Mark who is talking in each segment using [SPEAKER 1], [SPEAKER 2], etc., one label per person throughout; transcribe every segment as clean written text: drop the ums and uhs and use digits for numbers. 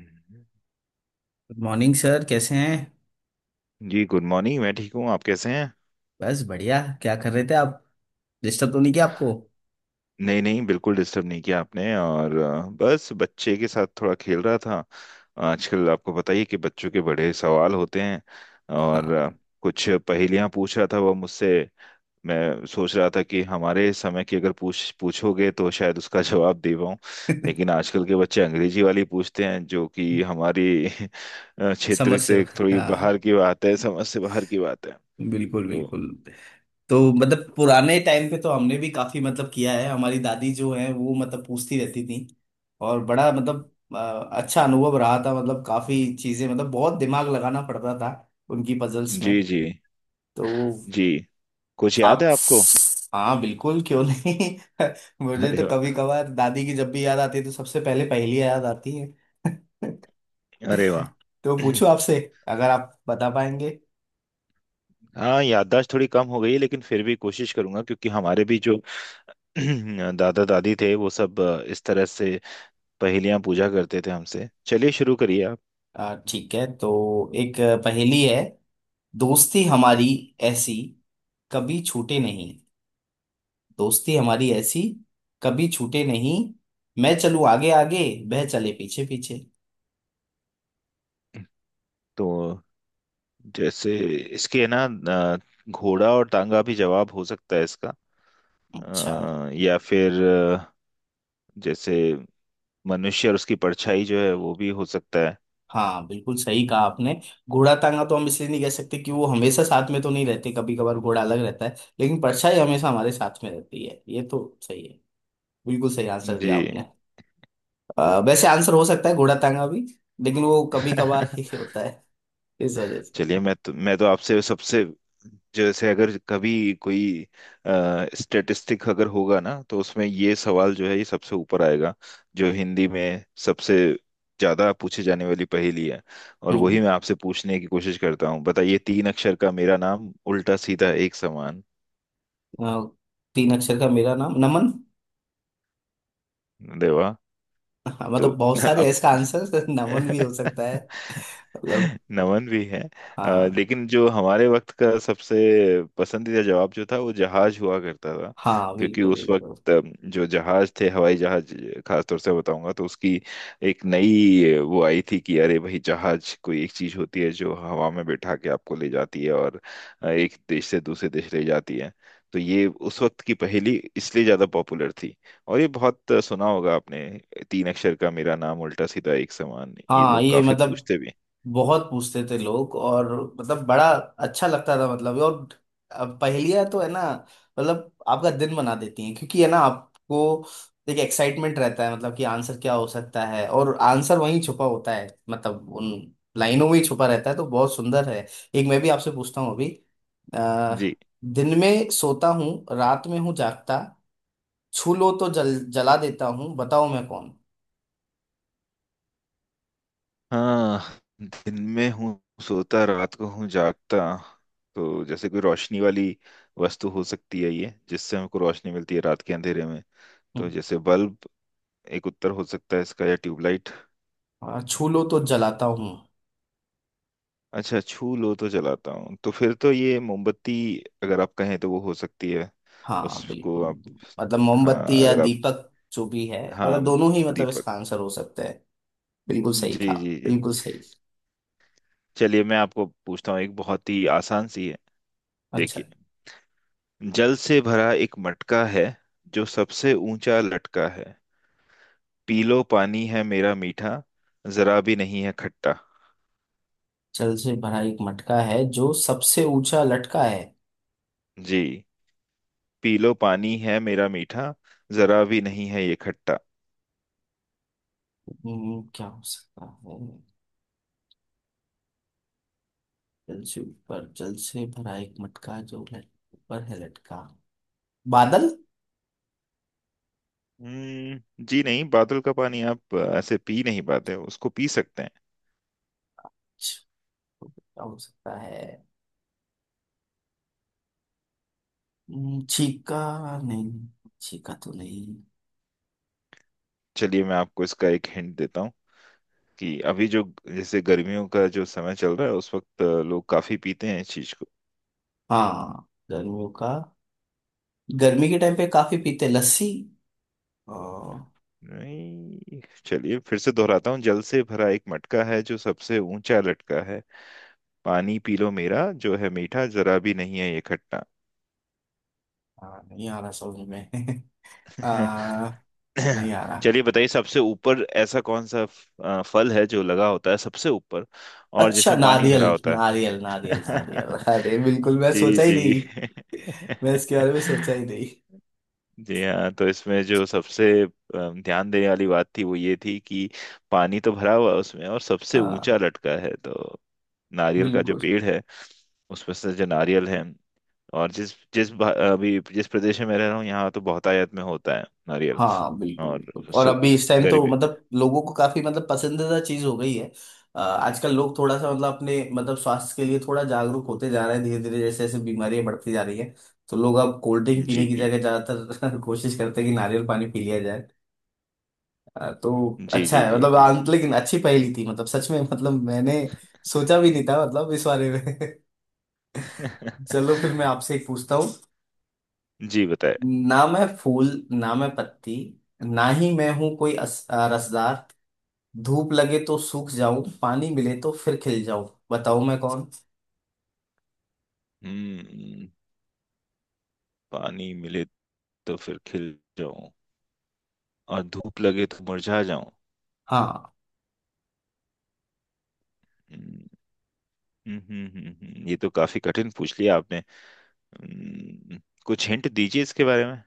[SPEAKER 1] हम्म।
[SPEAKER 2] Good morning sir, कैसे हैं?
[SPEAKER 1] जी गुड मॉर्निंग। मैं ठीक हूँ। आप कैसे हैं?
[SPEAKER 2] बस बढ़िया। क्या कर रहे थे आप? डिस्टर्ब तो नहीं किया आपको?
[SPEAKER 1] नहीं नहीं, बिल्कुल डिस्टर्ब नहीं किया आपने। और बस बच्चे के साथ थोड़ा खेल रहा था। आजकल आपको पता ही है कि बच्चों के बड़े सवाल होते हैं। और
[SPEAKER 2] हाँ।
[SPEAKER 1] कुछ पहेलियां पूछ रहा था वो मुझसे। मैं सोच रहा था कि हमारे समय की अगर पूछ पूछोगे तो शायद उसका जवाब दे पाऊँ। लेकिन आजकल के बच्चे अंग्रेजी वाली पूछते हैं, जो कि हमारी क्षेत्र
[SPEAKER 2] समझ से।
[SPEAKER 1] से थोड़ी बाहर
[SPEAKER 2] हाँ।
[SPEAKER 1] की बात है, समझ से बाहर की बात है।
[SPEAKER 2] बिल्कुल
[SPEAKER 1] तो।
[SPEAKER 2] बिल्कुल। तो मतलब पुराने टाइम पे तो हमने भी काफी मतलब किया है। हमारी दादी जो है वो मतलब पूछती रहती थी। और बड़ा मतलब अच्छा अनुभव रहा था। मतलब काफी चीजें, मतलब बहुत दिमाग लगाना पड़ता था उनकी पजल्स में।
[SPEAKER 1] जी जी
[SPEAKER 2] तो
[SPEAKER 1] जी। कुछ याद
[SPEAKER 2] आप?
[SPEAKER 1] है आपको?
[SPEAKER 2] हाँ बिल्कुल, क्यों नहीं। मुझे तो
[SPEAKER 1] अरे
[SPEAKER 2] कभी
[SPEAKER 1] वाह।
[SPEAKER 2] कभार दादी की जब भी याद आती है तो सबसे पहले पहेली याद आती है।
[SPEAKER 1] अरे वाह।
[SPEAKER 2] तो पूछूं आपसे? अगर आप बता पाएंगे।
[SPEAKER 1] हाँ, याददाश्त थोड़ी कम हो गई है, लेकिन फिर भी कोशिश करूंगा, क्योंकि हमारे भी जो दादा दादी थे वो सब इस तरह से पहेलियां पूछा करते थे हमसे। चलिए, शुरू करिए आप।
[SPEAKER 2] ठीक है, तो एक पहेली है। दोस्ती हमारी ऐसी, कभी छूटे नहीं। दोस्ती हमारी ऐसी, कभी छूटे नहीं। मैं चलूं आगे आगे, वह चले पीछे पीछे।
[SPEAKER 1] तो जैसे इसके ना, घोड़ा और टांगा भी जवाब हो सकता है इसका,
[SPEAKER 2] अच्छा।
[SPEAKER 1] या फिर जैसे मनुष्य और उसकी परछाई जो है वो भी हो सकता है।
[SPEAKER 2] हाँ, बिल्कुल सही कहा आपने। घोड़ा टांगा तो हम इसलिए नहीं कह सकते कि वो हमेशा साथ में तो नहीं रहते, कभी कभार घोड़ा अलग रहता है। लेकिन परछाई हमेशा हमारे साथ में रहती है, ये तो सही है। बिल्कुल सही आंसर दिया
[SPEAKER 1] जी।
[SPEAKER 2] आपने। वैसे आंसर हो सकता है घोड़ा टांगा भी, लेकिन वो कभी कभार ही होता है इस वजह से।
[SPEAKER 1] चलिए, मैं तो आपसे सबसे, जैसे अगर कभी कोई स्टेटिस्टिक अगर होगा ना तो उसमें ये सवाल जो है ये सबसे ऊपर आएगा, जो हिंदी में सबसे ज्यादा पूछे जाने वाली पहेली है। और
[SPEAKER 2] हम्म।
[SPEAKER 1] वही मैं आपसे पूछने की कोशिश करता हूँ। बताइए, तीन अक्षर का मेरा नाम, उल्टा सीधा एक समान।
[SPEAKER 2] अ, तीन अक्षर का मेरा नाम नमन।
[SPEAKER 1] देवा।
[SPEAKER 2] हाँ,
[SPEAKER 1] तो।
[SPEAKER 2] मतलब बहुत सारे
[SPEAKER 1] अब।
[SPEAKER 2] हैं इसका आंसर। नमन भी हो सकता है मतलब।
[SPEAKER 1] नमन भी है। अ,
[SPEAKER 2] हाँ।
[SPEAKER 1] लेकिन जो हमारे वक्त का सबसे पसंदीदा जवाब जो था वो जहाज हुआ करता था।
[SPEAKER 2] हाँ
[SPEAKER 1] क्योंकि
[SPEAKER 2] बिल्कुल
[SPEAKER 1] उस
[SPEAKER 2] बिल्कुल।
[SPEAKER 1] वक्त जो जहाज थे, हवाई जहाज, खास तौर से बताऊंगा तो उसकी एक नई वो आई थी कि अरे भाई, जहाज कोई एक चीज होती है जो हवा में बैठा के आपको ले जाती है, और एक देश से दूसरे देश ले जाती है। तो ये उस वक्त की पहेली इसलिए ज्यादा पॉपुलर थी। और ये बहुत सुना होगा आपने, तीन अक्षर का मेरा नाम उल्टा सीधा एक समान, ये
[SPEAKER 2] हाँ
[SPEAKER 1] लोग
[SPEAKER 2] ये
[SPEAKER 1] काफी
[SPEAKER 2] मतलब
[SPEAKER 1] पूछते भी
[SPEAKER 2] बहुत पूछते थे लोग, और मतलब बड़ा अच्छा लगता था मतलब। और अब पहेलियां तो है ना, मतलब आपका दिन बना देती हैं। क्योंकि है ना, आपको एक एक्साइटमेंट रहता है मतलब कि आंसर क्या हो सकता है, और आंसर वहीं छुपा होता है, मतलब उन लाइनों में ही छुपा रहता है। तो बहुत सुंदर है। एक मैं भी आपसे पूछता हूँ अभी। अ,
[SPEAKER 1] हैं। जी
[SPEAKER 2] दिन में सोता हूँ, रात में हूँ जागता, छू लो तो जल जला देता हूँ, बताओ मैं कौन
[SPEAKER 1] हाँ। दिन में हूँ सोता, रात को हूँ जागता। तो जैसे कोई रोशनी वाली वस्तु हो सकती है ये, जिससे हमको रोशनी मिलती है रात के अंधेरे में। तो
[SPEAKER 2] हूँ।
[SPEAKER 1] जैसे बल्ब एक उत्तर हो सकता है इसका, या ट्यूबलाइट।
[SPEAKER 2] छू लो तो जलाता हूँ।
[SPEAKER 1] अच्छा, छू लो तो जलाता हूँ, तो फिर तो ये मोमबत्ती अगर आप कहें तो वो हो सकती है।
[SPEAKER 2] हाँ
[SPEAKER 1] उसको
[SPEAKER 2] बिल्कुल।
[SPEAKER 1] आप।
[SPEAKER 2] मतलब
[SPEAKER 1] हाँ,
[SPEAKER 2] मोमबत्ती या
[SPEAKER 1] अगर आप।
[SPEAKER 2] दीपक जो भी है, मतलब
[SPEAKER 1] हाँ,
[SPEAKER 2] दोनों ही मतलब
[SPEAKER 1] दीपक।
[SPEAKER 2] इसका आंसर हो सकता है। बिल्कुल सही
[SPEAKER 1] जी
[SPEAKER 2] कहा।
[SPEAKER 1] जी जी।
[SPEAKER 2] बिल्कुल सही।
[SPEAKER 1] चलिए, मैं आपको पूछता हूँ, एक बहुत ही आसान सी है।
[SPEAKER 2] अच्छा।
[SPEAKER 1] देखिए। जल से भरा एक मटका है, जो सबसे ऊंचा लटका है। पी लो पानी है मेरा मीठा, जरा भी नहीं है खट्टा।
[SPEAKER 2] जल से भरा एक मटका है, जो सबसे ऊंचा लटका है।
[SPEAKER 1] जी। पी लो पानी है मेरा मीठा, जरा भी नहीं है ये खट्टा।
[SPEAKER 2] क्या हो सकता है? जल से ऊपर, जल से भरा एक मटका जो लट, ऊपर है लटका। बादल।
[SPEAKER 1] हम्म, जी नहीं, बादल का पानी आप ऐसे पी नहीं पाते, उसको पी सकते हैं।
[SPEAKER 2] छ, क्या हो सकता है? छीका? नहीं, छीका तो नहीं।
[SPEAKER 1] चलिए मैं आपको इसका एक हिंट देता हूँ कि अभी जो, जैसे गर्मियों का जो समय चल रहा है, उस वक्त लोग काफी पीते हैं इस चीज को।
[SPEAKER 2] हाँ, गर्मियों का। गर्मी के टाइम पे काफी पीते हैं। लस्सी?
[SPEAKER 1] नहीं, चलिए फिर से दोहराता हूँ। जल से भरा एक मटका है, जो सबसे ऊंचा लटका है। पानी पी लो मेरा जो है मीठा, जरा भी नहीं है ये खट्टा।
[SPEAKER 2] हाँ, नहीं आ रहा समझ में। आ, नहीं आ
[SPEAKER 1] चलिए
[SPEAKER 2] रहा।
[SPEAKER 1] बताइए, सबसे ऊपर ऐसा कौन सा फल है जो लगा होता है सबसे ऊपर और
[SPEAKER 2] अच्छा,
[SPEAKER 1] जिसमें पानी
[SPEAKER 2] नारियल।
[SPEAKER 1] भरा होता है?
[SPEAKER 2] नारियल, नारियल, नारियल। अरे बिल्कुल, मैं
[SPEAKER 1] जी
[SPEAKER 2] सोचा ही
[SPEAKER 1] जी।
[SPEAKER 2] नहीं। मैं इसके बारे में सोचा ही नहीं।
[SPEAKER 1] जी हाँ, तो इसमें जो सबसे ध्यान देने वाली बात थी वो ये थी कि पानी तो भरा हुआ है उसमें और सबसे
[SPEAKER 2] हाँ।
[SPEAKER 1] ऊंचा लटका है, तो नारियल का जो
[SPEAKER 2] बिल्कुल।
[SPEAKER 1] पेड़ है, उसमें से जो नारियल है। और जिस जिस अभी जिस प्रदेश में मैं रह रहा हूँ, यहाँ तो बहुतायत में होता है नारियल।
[SPEAKER 2] हाँ बिल्कुल
[SPEAKER 1] और
[SPEAKER 2] बिल्कुल। और
[SPEAKER 1] सु
[SPEAKER 2] अभी इस टाइम तो
[SPEAKER 1] गरीबी।
[SPEAKER 2] मतलब लोगों को काफी मतलब पसंदीदा चीज हो गई है। आजकल लोग थोड़ा सा मतलब अपने मतलब स्वास्थ्य के लिए थोड़ा जागरूक होते जा रहे हैं, धीरे धीरे जैसे जैसे बीमारियां बढ़ती जा रही है। तो लोग अब कोल्ड ड्रिंक
[SPEAKER 1] जी
[SPEAKER 2] पीने की जगह ज्यादातर कोशिश करते हैं कि नारियल पानी पी लिया। तो
[SPEAKER 1] जी
[SPEAKER 2] अच्छा
[SPEAKER 1] जी
[SPEAKER 2] है
[SPEAKER 1] जी
[SPEAKER 2] मतलब,
[SPEAKER 1] जी।
[SPEAKER 2] लेकिन अच्छी पहेली थी मतलब, सच में मतलब मैंने सोचा भी नहीं था मतलब इस बारे में। चलो, फिर मैं आपसे एक पूछता हूँ।
[SPEAKER 1] जी, बताए।
[SPEAKER 2] ना मैं फूल, ना मैं पत्ती, ना ही मैं हूं कोई रसदार। धूप लगे तो सूख जाऊं, पानी मिले तो फिर खिल जाऊं, बताओ मैं कौन?
[SPEAKER 1] हम्म। पानी मिले तो फिर खिल जाऊं, और धूप लगे तो मुरझा जाऊं।
[SPEAKER 2] हाँ।
[SPEAKER 1] हम्म। ये तो काफी कठिन पूछ लिया आपने। हम्म, कुछ हिंट दीजिए इसके बारे में।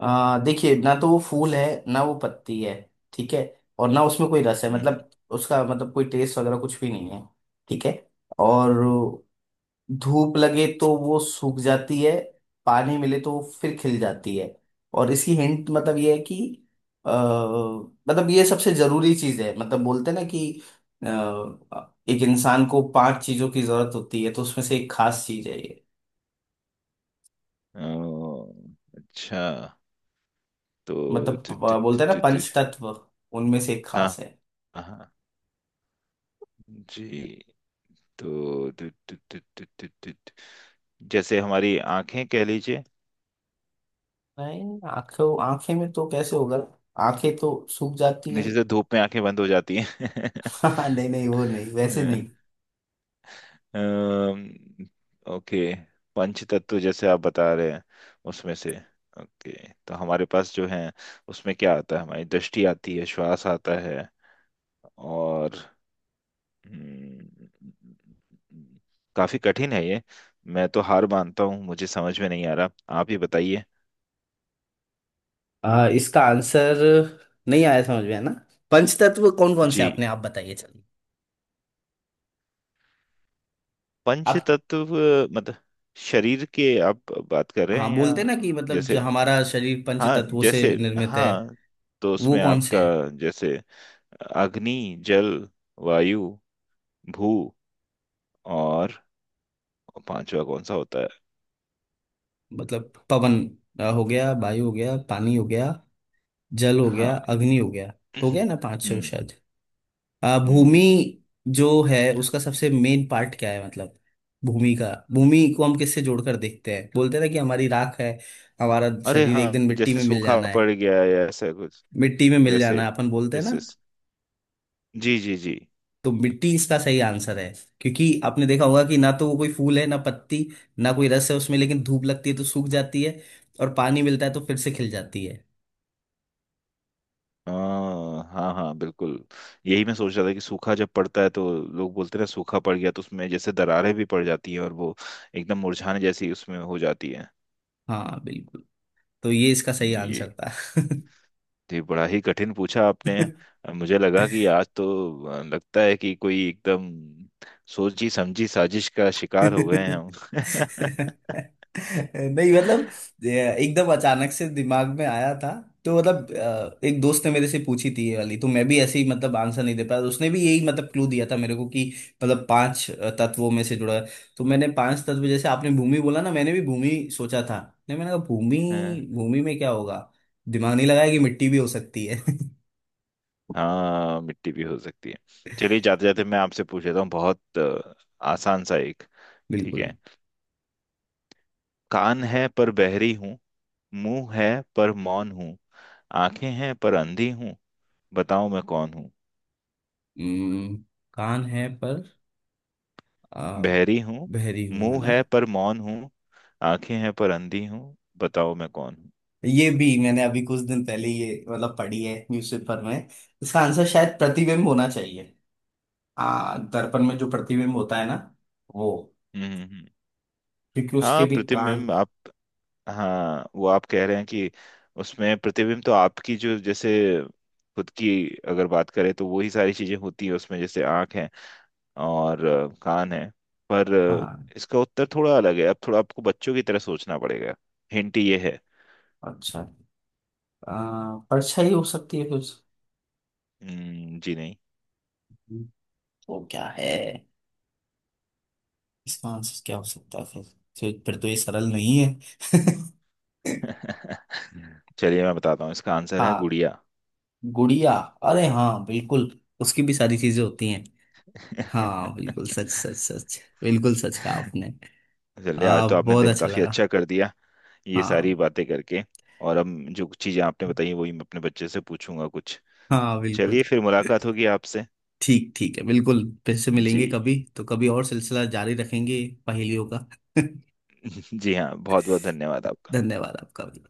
[SPEAKER 2] देखिए, ना तो वो फूल है, ना वो पत्ती है। ठीक है? और ना उसमें कोई रस है,
[SPEAKER 1] हम्म।
[SPEAKER 2] मतलब उसका मतलब कोई टेस्ट वगैरह कुछ भी नहीं है। ठीक है? और धूप लगे तो वो सूख जाती है, पानी मिले तो वो फिर खिल जाती है। और इसकी हिंट मतलब ये है कि मतलब ये सबसे जरूरी चीज है, मतलब बोलते हैं ना कि अ, एक इंसान को पांच चीजों की जरूरत होती है, तो उसमें से एक खास चीज है ये।
[SPEAKER 1] हम्म। अच्छा। तो
[SPEAKER 2] मतलब
[SPEAKER 1] तु, तु, तु,
[SPEAKER 2] बोलते हैं ना,
[SPEAKER 1] तु, तु,
[SPEAKER 2] पंच तत्व। उनमें से एक
[SPEAKER 1] हाँ
[SPEAKER 2] खास है।
[SPEAKER 1] हाँ। जी। तो तु, तु, तु, तु, तु, तु, तु, जैसे हमारी आंखें कह लीजिए।
[SPEAKER 2] नहीं, आंखों आंखें में तो कैसे होगा? आंखें तो सूख जाती है।
[SPEAKER 1] नीचे से धूप में आंखें बंद हो जाती
[SPEAKER 2] नहीं नहीं, वो नहीं, वैसे
[SPEAKER 1] हैं।
[SPEAKER 2] नहीं।
[SPEAKER 1] अम्म, ओके। पंच तत्व जैसे आप बता रहे हैं, उसमें से। ओके, तो हमारे पास जो है, उसमें क्या आता है? हमारी दृष्टि आती है, श्वास आता है। और हम्म, काफी कठिन है ये। मैं तो हार मानता हूँ, मुझे समझ में नहीं आ रहा। आप ही बताइए।
[SPEAKER 2] इसका आंसर नहीं आया समझ में, है ना? पंचतत्व कौन कौन से
[SPEAKER 1] जी,
[SPEAKER 2] हैं, अपने आप बताइए, चलिए।
[SPEAKER 1] पंच
[SPEAKER 2] आप।
[SPEAKER 1] तत्व मतलब, शरीर के आप बात कर रहे
[SPEAKER 2] हाँ,
[SPEAKER 1] हैं
[SPEAKER 2] बोलते
[SPEAKER 1] या?
[SPEAKER 2] ना कि मतलब
[SPEAKER 1] जैसे।
[SPEAKER 2] जो हमारा शरीर पंच
[SPEAKER 1] हाँ
[SPEAKER 2] तत्वों से
[SPEAKER 1] जैसे।
[SPEAKER 2] निर्मित है।
[SPEAKER 1] हाँ, तो
[SPEAKER 2] वो
[SPEAKER 1] उसमें
[SPEAKER 2] कौन से
[SPEAKER 1] आपका,
[SPEAKER 2] हैं?
[SPEAKER 1] जैसे अग्नि, जल, वायु, भू, और पांचवा कौन सा होता है?
[SPEAKER 2] मतलब पवन, हो गया। वायु हो गया। पानी हो गया। जल हो गया।
[SPEAKER 1] हाँ।
[SPEAKER 2] अग्नि हो गया। हो गया ना पांच छह
[SPEAKER 1] हम्म।
[SPEAKER 2] शायद। भूमि
[SPEAKER 1] हम्म।
[SPEAKER 2] जो है, उसका सबसे मेन पार्ट क्या है मतलब? भूमि का, भूमि को हम किससे जोड़कर देखते हैं? बोलते हैं ना कि हमारी राख है, हमारा
[SPEAKER 1] अरे
[SPEAKER 2] शरीर एक
[SPEAKER 1] हाँ,
[SPEAKER 2] दिन मिट्टी
[SPEAKER 1] जैसे
[SPEAKER 2] में मिल
[SPEAKER 1] सूखा
[SPEAKER 2] जाना
[SPEAKER 1] पड़
[SPEAKER 2] है।
[SPEAKER 1] गया है या ऐसा कुछ।
[SPEAKER 2] मिट्टी में मिल
[SPEAKER 1] वैसे।
[SPEAKER 2] जाना अपन बोलते हैं ना।
[SPEAKER 1] जैसे। जी जी जी।
[SPEAKER 2] तो मिट्टी इसका सही आंसर है। क्योंकि आपने देखा होगा कि ना तो वो कोई फूल है, ना पत्ती, ना कोई रस है उसमें, लेकिन धूप लगती है तो सूख जाती है, और पानी मिलता है तो फिर से खिल जाती है।
[SPEAKER 1] हाँ हाँ हाँ, बिल्कुल। यही मैं सोच रहा था कि सूखा जब पड़ता है तो लोग बोलते हैं ना, सूखा पड़ गया, तो उसमें जैसे दरारें भी पड़ जाती हैं, और वो एकदम मुरझाने जैसी उसमें हो जाती है।
[SPEAKER 2] हाँ बिल्कुल। तो ये इसका सही
[SPEAKER 1] ये।
[SPEAKER 2] आंसर था।
[SPEAKER 1] जी, बड़ा ही कठिन पूछा आपने। मुझे लगा कि आज तो, लगता है कि कोई एकदम सोची समझी साजिश का शिकार हो गए हैं हम।
[SPEAKER 2] नहीं मतलब, ये एकदम अचानक से दिमाग में आया था। तो मतलब एक दोस्त ने मेरे से पूछी थी ये वाली, तो मैं भी ऐसे ही मतलब आंसर नहीं दे पाया। उसने भी यही मतलब क्लू दिया था मेरे को कि मतलब पांच तत्वों में से जुड़ा है। तो मैंने पांच तत्व, जैसे आपने भूमि बोला ना, मैंने भी भूमि सोचा था। नहीं, मैंने कहा
[SPEAKER 1] हाँ।
[SPEAKER 2] भूमि, भूमि में क्या होगा? दिमाग नहीं लगाया कि मिट्टी भी हो सकती है।
[SPEAKER 1] हाँ, मिट्टी भी हो सकती है। चलिए, जाते जाते मैं आपसे पूछ लेता हूँ, बहुत आसान सा एक। ठीक
[SPEAKER 2] बिल्कुल।
[SPEAKER 1] है। कान है पर बहरी हूँ, मुंह है पर मौन हूँ, आंखें हैं पर अंधी हूँ, बताओ मैं कौन हूँ?
[SPEAKER 2] हम्म, कान है पर आ,
[SPEAKER 1] बहरी हूँ,
[SPEAKER 2] बहरी हूं, है
[SPEAKER 1] मुंह
[SPEAKER 2] ना?
[SPEAKER 1] है पर मौन हूँ, आंखें हैं पर अंधी हूँ, बताओ मैं कौन हूँ?
[SPEAKER 2] ये भी मैंने अभी कुछ दिन पहले ये मतलब पढ़ी है न्यूज़पेपर में। इसका आंसर शायद प्रतिबिंब होना चाहिए। दर्पण में जो प्रतिबिंब होता है ना, वो,
[SPEAKER 1] हम्म। हम्म। हम्म।
[SPEAKER 2] क्योंकि उसके
[SPEAKER 1] हाँ,
[SPEAKER 2] भी कान।
[SPEAKER 1] प्रतिबिंब आप। हाँ, वो आप कह रहे हैं कि उसमें प्रतिबिंब तो आपकी जो, जैसे खुद की अगर बात करें, तो वही सारी चीजें होती है उसमें, जैसे आंख है, और कान है, पर
[SPEAKER 2] हाँ।
[SPEAKER 1] इसका उत्तर थोड़ा अलग है, अब थोड़ा आपको बच्चों की तरह सोचना पड़ेगा। हिंट ये है।
[SPEAKER 2] अच्छा। परछाई हो सकती है कुछ?
[SPEAKER 1] जी नहीं।
[SPEAKER 2] तो क्या है, इसका आंसर क्या हो सकता है फिर? फिर तो ये सरल नहीं है।
[SPEAKER 1] चलिए मैं बताता हूँ, इसका आंसर है
[SPEAKER 2] हाँ।
[SPEAKER 1] गुड़िया।
[SPEAKER 2] गुड़िया? अरे हाँ बिल्कुल, उसकी भी सारी चीजें होती हैं। हाँ बिल्कुल, सच सच सच, बिल्कुल सच कहा आपने।
[SPEAKER 1] चलिए, आज तो आपने
[SPEAKER 2] बहुत
[SPEAKER 1] दिन
[SPEAKER 2] अच्छा
[SPEAKER 1] काफी
[SPEAKER 2] लगा।
[SPEAKER 1] अच्छा कर दिया, ये सारी
[SPEAKER 2] हाँ।
[SPEAKER 1] बातें करके। और हम, जो कुछ चीजें आपने बताई, वही मैं अपने बच्चे से पूछूंगा कुछ।
[SPEAKER 2] हाँ बिल्कुल।
[SPEAKER 1] चलिए फिर मुलाकात होगी आपसे।
[SPEAKER 2] ठीक ठीक है बिल्कुल, फिर से मिलेंगे
[SPEAKER 1] जी।
[SPEAKER 2] कभी तो कभी, और सिलसिला जारी रखेंगे पहेलियों का।
[SPEAKER 1] जी हाँ, बहुत बहुत धन्यवाद आपका।
[SPEAKER 2] धन्यवाद आपका भी।